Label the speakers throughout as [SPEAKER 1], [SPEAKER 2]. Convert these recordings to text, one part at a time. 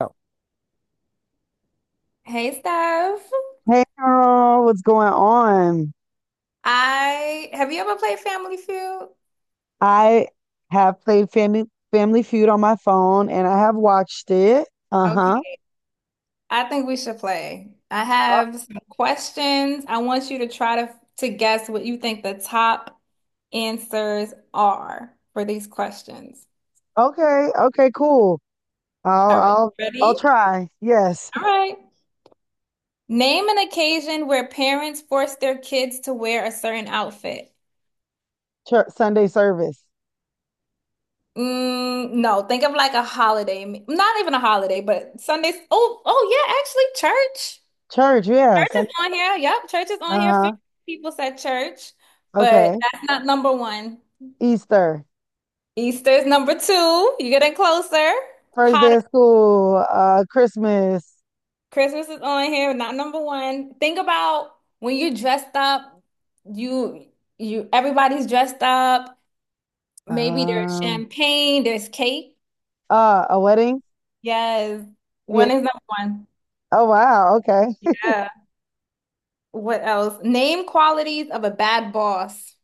[SPEAKER 1] Oh,
[SPEAKER 2] Hey Steph,
[SPEAKER 1] hey girl, what's going on?
[SPEAKER 2] I have you ever played Family Feud?
[SPEAKER 1] I have played Family Feud on my phone and I have watched it. Uh-huh.
[SPEAKER 2] Okay, I think we should play. I
[SPEAKER 1] Uh,
[SPEAKER 2] have some questions. I want you to try to guess what you think the top answers are for these questions.
[SPEAKER 1] okay, okay, cool. I'll
[SPEAKER 2] All right,
[SPEAKER 1] I'll I'll
[SPEAKER 2] ready?
[SPEAKER 1] try. Yes.
[SPEAKER 2] All right. Name an occasion where parents force their kids to wear a certain outfit.
[SPEAKER 1] Church, Sunday service.
[SPEAKER 2] Mm, no, think of like a holiday, not even a holiday, but Sundays. Oh, yeah, actually, church.
[SPEAKER 1] Church, yeah.
[SPEAKER 2] Church
[SPEAKER 1] Sun,
[SPEAKER 2] is on here. Yep, church is on here.
[SPEAKER 1] uh-huh.
[SPEAKER 2] 50 people said church, but
[SPEAKER 1] Okay.
[SPEAKER 2] that's not number one.
[SPEAKER 1] Easter.
[SPEAKER 2] Easter is number two. You're getting closer.
[SPEAKER 1] First day
[SPEAKER 2] Hotter.
[SPEAKER 1] of school, Christmas.
[SPEAKER 2] Christmas is on here, not number one. Think about when you're dressed up, you you everybody's dressed up. Maybe there's
[SPEAKER 1] Um
[SPEAKER 2] champagne, there's cake.
[SPEAKER 1] a wedding?
[SPEAKER 2] Yes.
[SPEAKER 1] Yeah.
[SPEAKER 2] One is number one.
[SPEAKER 1] Oh wow, okay.
[SPEAKER 2] Yeah. What else? Name qualities of a bad boss.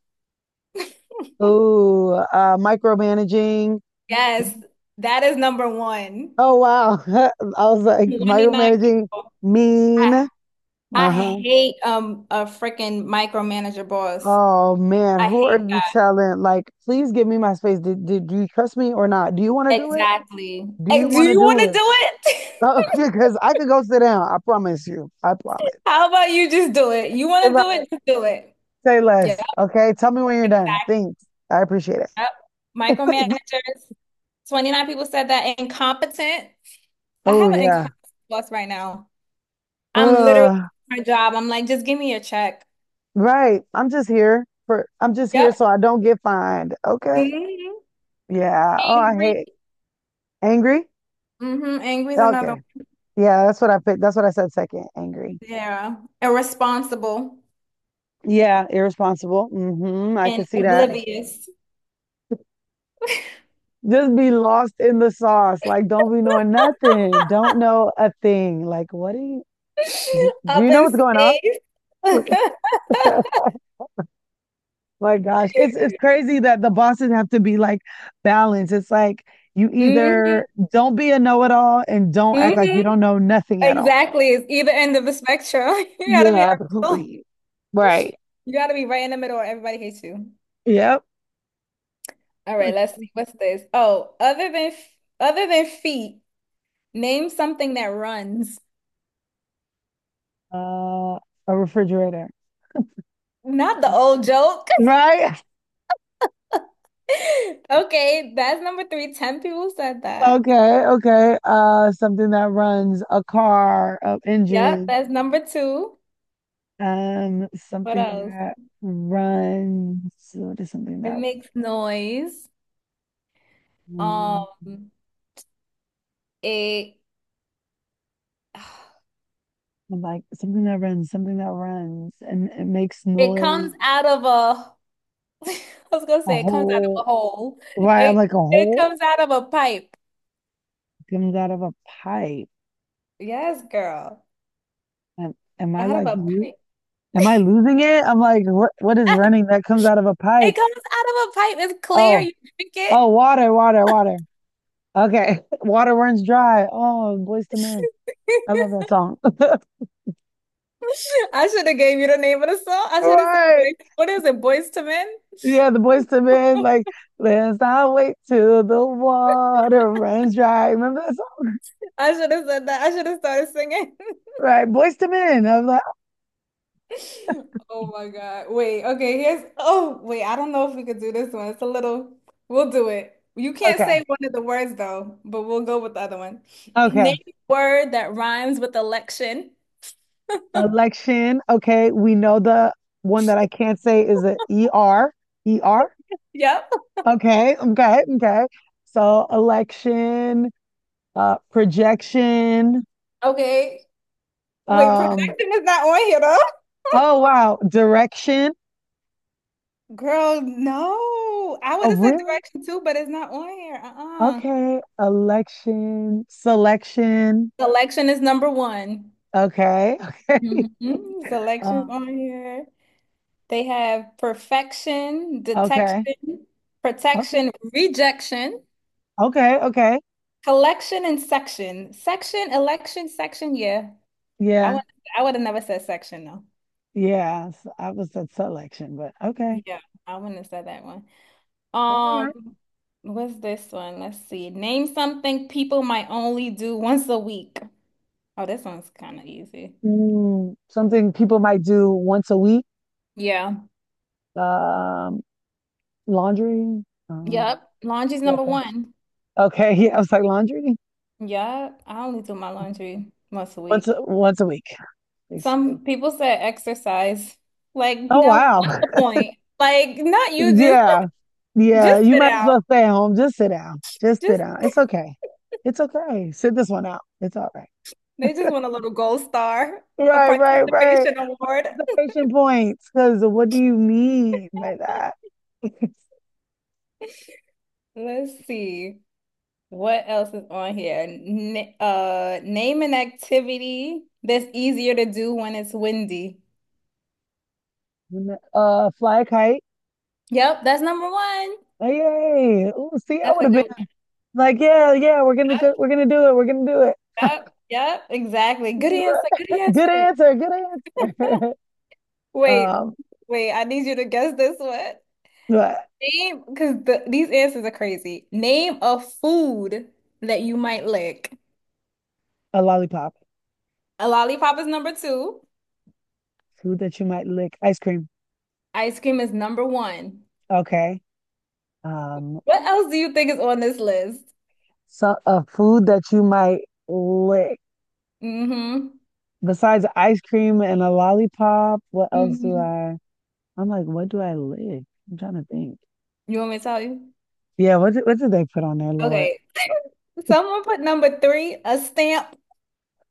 [SPEAKER 1] Ooh, micromanaging.
[SPEAKER 2] Yes, that is number one.
[SPEAKER 1] Oh wow. I was like
[SPEAKER 2] 29
[SPEAKER 1] micromanaging
[SPEAKER 2] people.
[SPEAKER 1] mean.
[SPEAKER 2] I
[SPEAKER 1] Uh-huh.
[SPEAKER 2] hate a freaking micromanager boss.
[SPEAKER 1] Oh man,
[SPEAKER 2] I
[SPEAKER 1] who are
[SPEAKER 2] hate
[SPEAKER 1] you
[SPEAKER 2] that.
[SPEAKER 1] telling? Like, please give me my space. Did do you trust me or not? Do you want to do it?
[SPEAKER 2] Exactly.
[SPEAKER 1] Do you
[SPEAKER 2] Hey, do
[SPEAKER 1] want to
[SPEAKER 2] you want
[SPEAKER 1] do
[SPEAKER 2] to
[SPEAKER 1] it?
[SPEAKER 2] do it?
[SPEAKER 1] Oh, because I could go sit down. I promise you. I promise.
[SPEAKER 2] How about you just do it? You want
[SPEAKER 1] If
[SPEAKER 2] to do
[SPEAKER 1] I
[SPEAKER 2] it, just do it.
[SPEAKER 1] say
[SPEAKER 2] Yeah,
[SPEAKER 1] less, okay? Tell me when you're done.
[SPEAKER 2] exactly.
[SPEAKER 1] Thanks. I appreciate
[SPEAKER 2] Yep.
[SPEAKER 1] it.
[SPEAKER 2] Micromanagers. 29 people said that incompetent. I
[SPEAKER 1] Oh
[SPEAKER 2] have an
[SPEAKER 1] yeah.
[SPEAKER 2] incompetent boss right now. I'm literally
[SPEAKER 1] Uh,
[SPEAKER 2] doing my job. I'm like, just give me a check.
[SPEAKER 1] right. I'm just here for I'm just here
[SPEAKER 2] Yep.
[SPEAKER 1] so I don't get fined. Okay.
[SPEAKER 2] hmm
[SPEAKER 1] Yeah. Oh, I
[SPEAKER 2] Angry.
[SPEAKER 1] hate angry.
[SPEAKER 2] Angry is another
[SPEAKER 1] Okay.
[SPEAKER 2] one.
[SPEAKER 1] Yeah, that's what I picked. That's what I said second, angry.
[SPEAKER 2] Yeah. Irresponsible
[SPEAKER 1] Yeah, irresponsible. Mm-hmm. I
[SPEAKER 2] and
[SPEAKER 1] could see that.
[SPEAKER 2] oblivious.
[SPEAKER 1] Just be lost in the sauce. Like, don't be knowing nothing. Don't know a thing. Like, what do
[SPEAKER 2] Up
[SPEAKER 1] you know
[SPEAKER 2] in
[SPEAKER 1] what's going on?
[SPEAKER 2] space.
[SPEAKER 1] My gosh. It's crazy that the bosses have to be like balanced. It's like you
[SPEAKER 2] hmm
[SPEAKER 1] either don't be a know-it-all and don't act like you
[SPEAKER 2] hmm
[SPEAKER 1] don't know nothing at all.
[SPEAKER 2] Exactly. It's either end of the spectrum. You gotta
[SPEAKER 1] Yeah,
[SPEAKER 2] be in the middle.
[SPEAKER 1] absolutely. Right.
[SPEAKER 2] You gotta be right in the middle or everybody hates you.
[SPEAKER 1] Yep.
[SPEAKER 2] All right,
[SPEAKER 1] Like
[SPEAKER 2] let's see. What's this? Oh, other than feet, name something that runs.
[SPEAKER 1] uh a refrigerator.
[SPEAKER 2] Not the old joke.
[SPEAKER 1] Right?
[SPEAKER 2] Okay, that's number three. 10 people said that.
[SPEAKER 1] Okay, okay. Something that runs a car, a
[SPEAKER 2] Yep,
[SPEAKER 1] engine.
[SPEAKER 2] that's number two. What
[SPEAKER 1] Something
[SPEAKER 2] else?
[SPEAKER 1] that runs. What is something
[SPEAKER 2] It
[SPEAKER 1] that
[SPEAKER 2] makes noise.
[SPEAKER 1] runs?
[SPEAKER 2] Um, it
[SPEAKER 1] I'm like something that runs, and it makes
[SPEAKER 2] It comes
[SPEAKER 1] noise.
[SPEAKER 2] out of a, I was gonna
[SPEAKER 1] A
[SPEAKER 2] say it comes out of a
[SPEAKER 1] hole.
[SPEAKER 2] hole.
[SPEAKER 1] Why? I'm
[SPEAKER 2] It
[SPEAKER 1] like a
[SPEAKER 2] it
[SPEAKER 1] hole
[SPEAKER 2] comes out of a pipe.
[SPEAKER 1] comes out of a pipe.
[SPEAKER 2] Yes, girl.
[SPEAKER 1] Am, am I
[SPEAKER 2] Out of
[SPEAKER 1] like?
[SPEAKER 2] a
[SPEAKER 1] Lo-,
[SPEAKER 2] pipe.
[SPEAKER 1] am I losing it? I'm like, what? What is running that comes out of a
[SPEAKER 2] It
[SPEAKER 1] pipe?
[SPEAKER 2] comes out of a pipe. It's clear.
[SPEAKER 1] Oh,
[SPEAKER 2] You drink it.
[SPEAKER 1] oh, water, water, water. Okay, water runs dry. Oh, Boys to Men. I love that song.
[SPEAKER 2] I should have gave you the name of the song. I should have said,
[SPEAKER 1] Right.
[SPEAKER 2] boys, what is it, Boys to Men?
[SPEAKER 1] Yeah, the Boys to Men, like, let's not wait till the water runs dry. Remember that song?
[SPEAKER 2] I should have said that. I should have started singing.
[SPEAKER 1] Right. Boys to Men. I was like,
[SPEAKER 2] Oh my God. Wait, okay, here's oh, wait, I don't know if we could do this one. It's a little, we'll do it. You can't
[SPEAKER 1] okay,
[SPEAKER 2] say one of the words though, but we'll go with the other one.
[SPEAKER 1] okay.
[SPEAKER 2] Name a word that rhymes with election.
[SPEAKER 1] Election. Okay. We know the one that I can't say is a ER. ER.
[SPEAKER 2] Yep.
[SPEAKER 1] Okay. Okay. Okay. So election, projection.
[SPEAKER 2] Okay. Wait,
[SPEAKER 1] Um,
[SPEAKER 2] projection is not on here though.
[SPEAKER 1] oh wow. Direction.
[SPEAKER 2] Girl, no. I would
[SPEAKER 1] Oh,
[SPEAKER 2] have said
[SPEAKER 1] really?
[SPEAKER 2] direction too, but it's not on here. Uh-uh.
[SPEAKER 1] Okay. Election, selection.
[SPEAKER 2] Selection is number one.
[SPEAKER 1] Okay.
[SPEAKER 2] hmm Selections
[SPEAKER 1] Um,
[SPEAKER 2] on here. They have perfection,
[SPEAKER 1] okay.
[SPEAKER 2] detection,
[SPEAKER 1] Okay.
[SPEAKER 2] protection, rejection,
[SPEAKER 1] Okay. Okay.
[SPEAKER 2] collection, and section. Section, election, section. Yeah, I
[SPEAKER 1] Yeah.
[SPEAKER 2] would I would have never said section though.
[SPEAKER 1] Yeah. So I was at selection, but okay.
[SPEAKER 2] Yeah, I wouldn't have said that one.
[SPEAKER 1] All right.
[SPEAKER 2] Um, what's this one? Let's see. Name something people might only do once a week. Oh, this one's kind of easy.
[SPEAKER 1] Mm, something people might do once a week.
[SPEAKER 2] Yeah.
[SPEAKER 1] Um, laundry. Uh,
[SPEAKER 2] Yep. Laundry's
[SPEAKER 1] yeah.
[SPEAKER 2] number one.
[SPEAKER 1] Okay. Yeah. I was like laundry
[SPEAKER 2] Yep. I only do my laundry once a week.
[SPEAKER 1] once a week. Please.
[SPEAKER 2] Some people said exercise. Like,
[SPEAKER 1] Oh
[SPEAKER 2] now
[SPEAKER 1] wow.
[SPEAKER 2] what's the point? Like, not you just
[SPEAKER 1] Yeah. Yeah.
[SPEAKER 2] just
[SPEAKER 1] You
[SPEAKER 2] sit
[SPEAKER 1] might as
[SPEAKER 2] out.
[SPEAKER 1] well stay at home. Just sit down. Just sit
[SPEAKER 2] Just
[SPEAKER 1] down. It's okay. It's okay. Sit this one out. It's all right.
[SPEAKER 2] They just want a little gold star, a
[SPEAKER 1] Right. Right. Right.
[SPEAKER 2] participation award.
[SPEAKER 1] Observation points, because what do you mean by that?
[SPEAKER 2] Let's see. What else is on here? N name an activity that's easier to do when it's windy.
[SPEAKER 1] Fly a kite.
[SPEAKER 2] Yep, that's number one.
[SPEAKER 1] Oh, yay! Ooh, see, I
[SPEAKER 2] That's
[SPEAKER 1] would
[SPEAKER 2] a
[SPEAKER 1] have
[SPEAKER 2] good one.
[SPEAKER 1] been like, yeah, yeah, we're gonna
[SPEAKER 2] Yep,
[SPEAKER 1] go, we're gonna do it, we're gonna do
[SPEAKER 2] yep, yep, exactly. Good answer. Good
[SPEAKER 1] it. Good
[SPEAKER 2] answer.
[SPEAKER 1] answer, good answer.
[SPEAKER 2] Wait,
[SPEAKER 1] um,
[SPEAKER 2] wait, I need you to guess this one.
[SPEAKER 1] but
[SPEAKER 2] Name, because these answers are crazy. Name a food that you might lick.
[SPEAKER 1] a lollipop,
[SPEAKER 2] A lollipop is number two.
[SPEAKER 1] food that you might lick, ice cream.
[SPEAKER 2] Ice cream is number one.
[SPEAKER 1] Okay. Um,
[SPEAKER 2] What else do you think is on this list?
[SPEAKER 1] so a food that you might lick
[SPEAKER 2] Mm-hmm.
[SPEAKER 1] besides ice cream and a lollipop. What else do
[SPEAKER 2] hmm
[SPEAKER 1] I? I'm like, what do I lick? I'm trying to think.
[SPEAKER 2] You want me to tell you?
[SPEAKER 1] Yeah, what did they put on there, Lord?
[SPEAKER 2] Okay. Someone put number three, a stamp.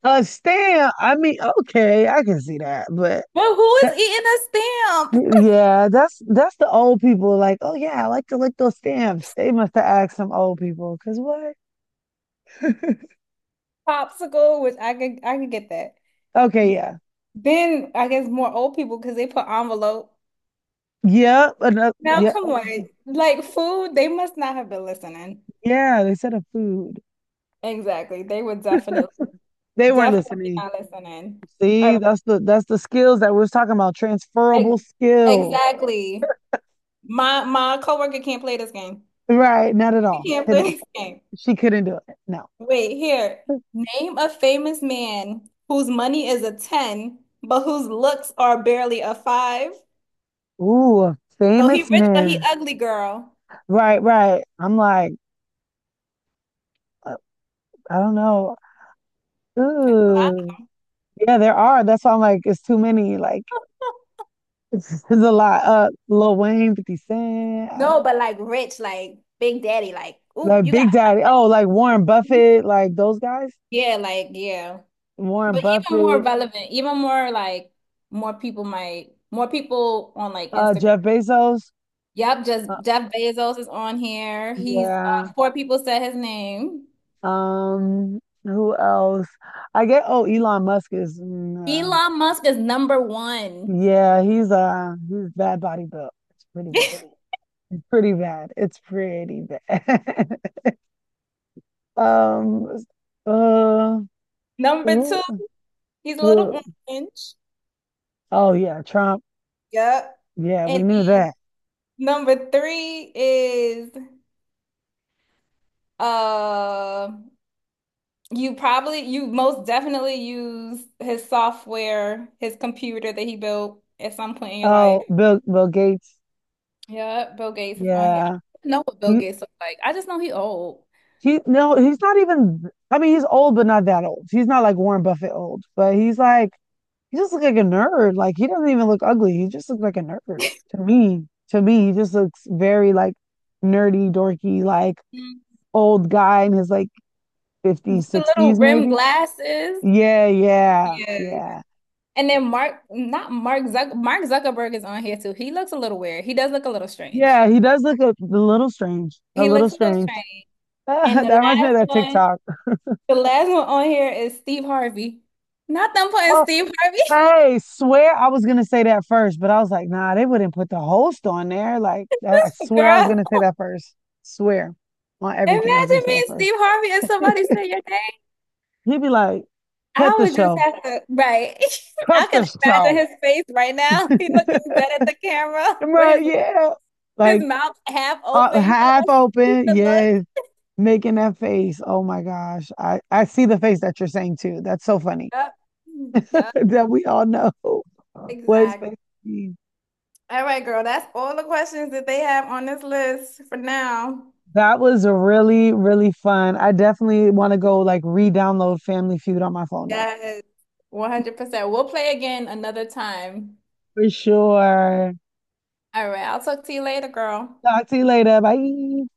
[SPEAKER 1] Stan. I mean, okay, I can see that, but
[SPEAKER 2] But who is
[SPEAKER 1] that,
[SPEAKER 2] eating a stamp?
[SPEAKER 1] yeah, that's the old people. Like, oh yeah, I like to lick those stamps. They must have asked some old people, cause what?
[SPEAKER 2] Popsicle, which I could get that.
[SPEAKER 1] Okay, yeah,
[SPEAKER 2] Then I guess more old people because they put envelope.
[SPEAKER 1] yeah, another,
[SPEAKER 2] Now
[SPEAKER 1] yeah,
[SPEAKER 2] come on. Like food, they must not have been listening.
[SPEAKER 1] yeah. They said a food.
[SPEAKER 2] Exactly. They would definitely,
[SPEAKER 1] They weren't
[SPEAKER 2] definitely
[SPEAKER 1] listening.
[SPEAKER 2] not listening. All
[SPEAKER 1] See,
[SPEAKER 2] right.
[SPEAKER 1] that's the skills that we was talking about.
[SPEAKER 2] Ex-
[SPEAKER 1] Transferable skills,
[SPEAKER 2] Exactly. My coworker can't play this game.
[SPEAKER 1] right? Not at
[SPEAKER 2] He
[SPEAKER 1] all.
[SPEAKER 2] can't play
[SPEAKER 1] Couldn't,
[SPEAKER 2] this game.
[SPEAKER 1] she couldn't do it. No.
[SPEAKER 2] Wait, here. Name a famous man whose money is a 10, but whose looks are barely a five.
[SPEAKER 1] Ooh,
[SPEAKER 2] So he
[SPEAKER 1] famous
[SPEAKER 2] rich, but he
[SPEAKER 1] men.
[SPEAKER 2] ugly, girl.
[SPEAKER 1] Right, right. I'm like. I don't know. Ooh. Yeah, there are. That's why I'm like, it's too many. Like, it's a lot. Lil Wayne, 50 Cent, I mean,
[SPEAKER 2] No, but like rich, like Big Daddy, like, ooh,
[SPEAKER 1] like
[SPEAKER 2] you got,
[SPEAKER 1] Big Daddy. Oh, like Warren Buffett, like those guys.
[SPEAKER 2] yeah, like, yeah.
[SPEAKER 1] Warren
[SPEAKER 2] But even more
[SPEAKER 1] Buffett,
[SPEAKER 2] relevant, even more like more people on like Instagram.
[SPEAKER 1] Jeff Bezos.
[SPEAKER 2] Yep, just
[SPEAKER 1] Uh,
[SPEAKER 2] Jeff Bezos is on here. He's
[SPEAKER 1] yeah.
[SPEAKER 2] four people said his name.
[SPEAKER 1] Who else? I get, oh, Elon Musk is, mm, yeah.
[SPEAKER 2] Elon Musk is number one.
[SPEAKER 1] Yeah, he's bad body built. It's pretty bad. Pretty bad. It's pretty bad. Um, uh,
[SPEAKER 2] Number two, he's a little
[SPEAKER 1] Who?
[SPEAKER 2] orange.
[SPEAKER 1] Oh yeah, Trump.
[SPEAKER 2] Yep.
[SPEAKER 1] Yeah, we
[SPEAKER 2] And
[SPEAKER 1] knew
[SPEAKER 2] then
[SPEAKER 1] that.
[SPEAKER 2] number three is uh you most definitely use his software, his computer that he built at some point in your life.
[SPEAKER 1] Oh, Bill Gates.
[SPEAKER 2] Yeah, Bill Gates is on here. I
[SPEAKER 1] Yeah.
[SPEAKER 2] don't know what Bill
[SPEAKER 1] He
[SPEAKER 2] Gates looks like. I just know he old.
[SPEAKER 1] he no, he's not even I mean, he's old but not that old. He's not like Warren Buffett old, but he's like he just looks like a nerd. Like he doesn't even look ugly. He just looks like a nerd to me. To me, he just looks very like nerdy, dorky, like
[SPEAKER 2] Mm.
[SPEAKER 1] old guy in his like
[SPEAKER 2] With
[SPEAKER 1] 50s,
[SPEAKER 2] the little
[SPEAKER 1] 60s
[SPEAKER 2] rim
[SPEAKER 1] maybe.
[SPEAKER 2] glasses.
[SPEAKER 1] Yeah, yeah,
[SPEAKER 2] Yeah, yeah.
[SPEAKER 1] yeah.
[SPEAKER 2] And then Mark, not Mark Zuck, Mark Zuckerberg is on here too. He looks a little weird. He does look a little strange.
[SPEAKER 1] Yeah, he does look a little strange. A
[SPEAKER 2] He
[SPEAKER 1] little
[SPEAKER 2] looks a little
[SPEAKER 1] strange.
[SPEAKER 2] strange. And the
[SPEAKER 1] That reminds me of
[SPEAKER 2] last
[SPEAKER 1] that
[SPEAKER 2] one,
[SPEAKER 1] TikTok.
[SPEAKER 2] the last one on here is Steve Harvey. Not them putting
[SPEAKER 1] Oh,
[SPEAKER 2] Steve Harvey.
[SPEAKER 1] hey, swear I was gonna say that first, but I was like, nah, they wouldn't put the host on there. Like, I swear I was
[SPEAKER 2] Girl,
[SPEAKER 1] gonna say that first. Swear on everything, I was gonna
[SPEAKER 2] imagine
[SPEAKER 1] say
[SPEAKER 2] me,
[SPEAKER 1] that first.
[SPEAKER 2] Steve Harvey, and somebody say your name.
[SPEAKER 1] He'd be like, cut
[SPEAKER 2] I
[SPEAKER 1] the
[SPEAKER 2] would just
[SPEAKER 1] show,
[SPEAKER 2] have to, right. I
[SPEAKER 1] cut the
[SPEAKER 2] can imagine
[SPEAKER 1] show.
[SPEAKER 2] his face right now. He looking dead at the camera with
[SPEAKER 1] Right? Yeah,
[SPEAKER 2] his
[SPEAKER 1] like
[SPEAKER 2] mouth half open. You know
[SPEAKER 1] half
[SPEAKER 2] that
[SPEAKER 1] open,
[SPEAKER 2] stupid look.
[SPEAKER 1] yes, making that face. Oh my gosh, I see the face that you're saying too. That's so funny
[SPEAKER 2] Yep. Yep.
[SPEAKER 1] that we all know what his
[SPEAKER 2] Exactly.
[SPEAKER 1] face. Is.
[SPEAKER 2] All right, girl. That's all the questions that they have on this list for now.
[SPEAKER 1] That was a really, really fun. I definitely want to go like re-download Family Feud on my phone now.
[SPEAKER 2] Yes. 100%. We'll play again another time.
[SPEAKER 1] For sure.
[SPEAKER 2] All right. I'll talk to you later, girl.
[SPEAKER 1] Talk to you later. Bye.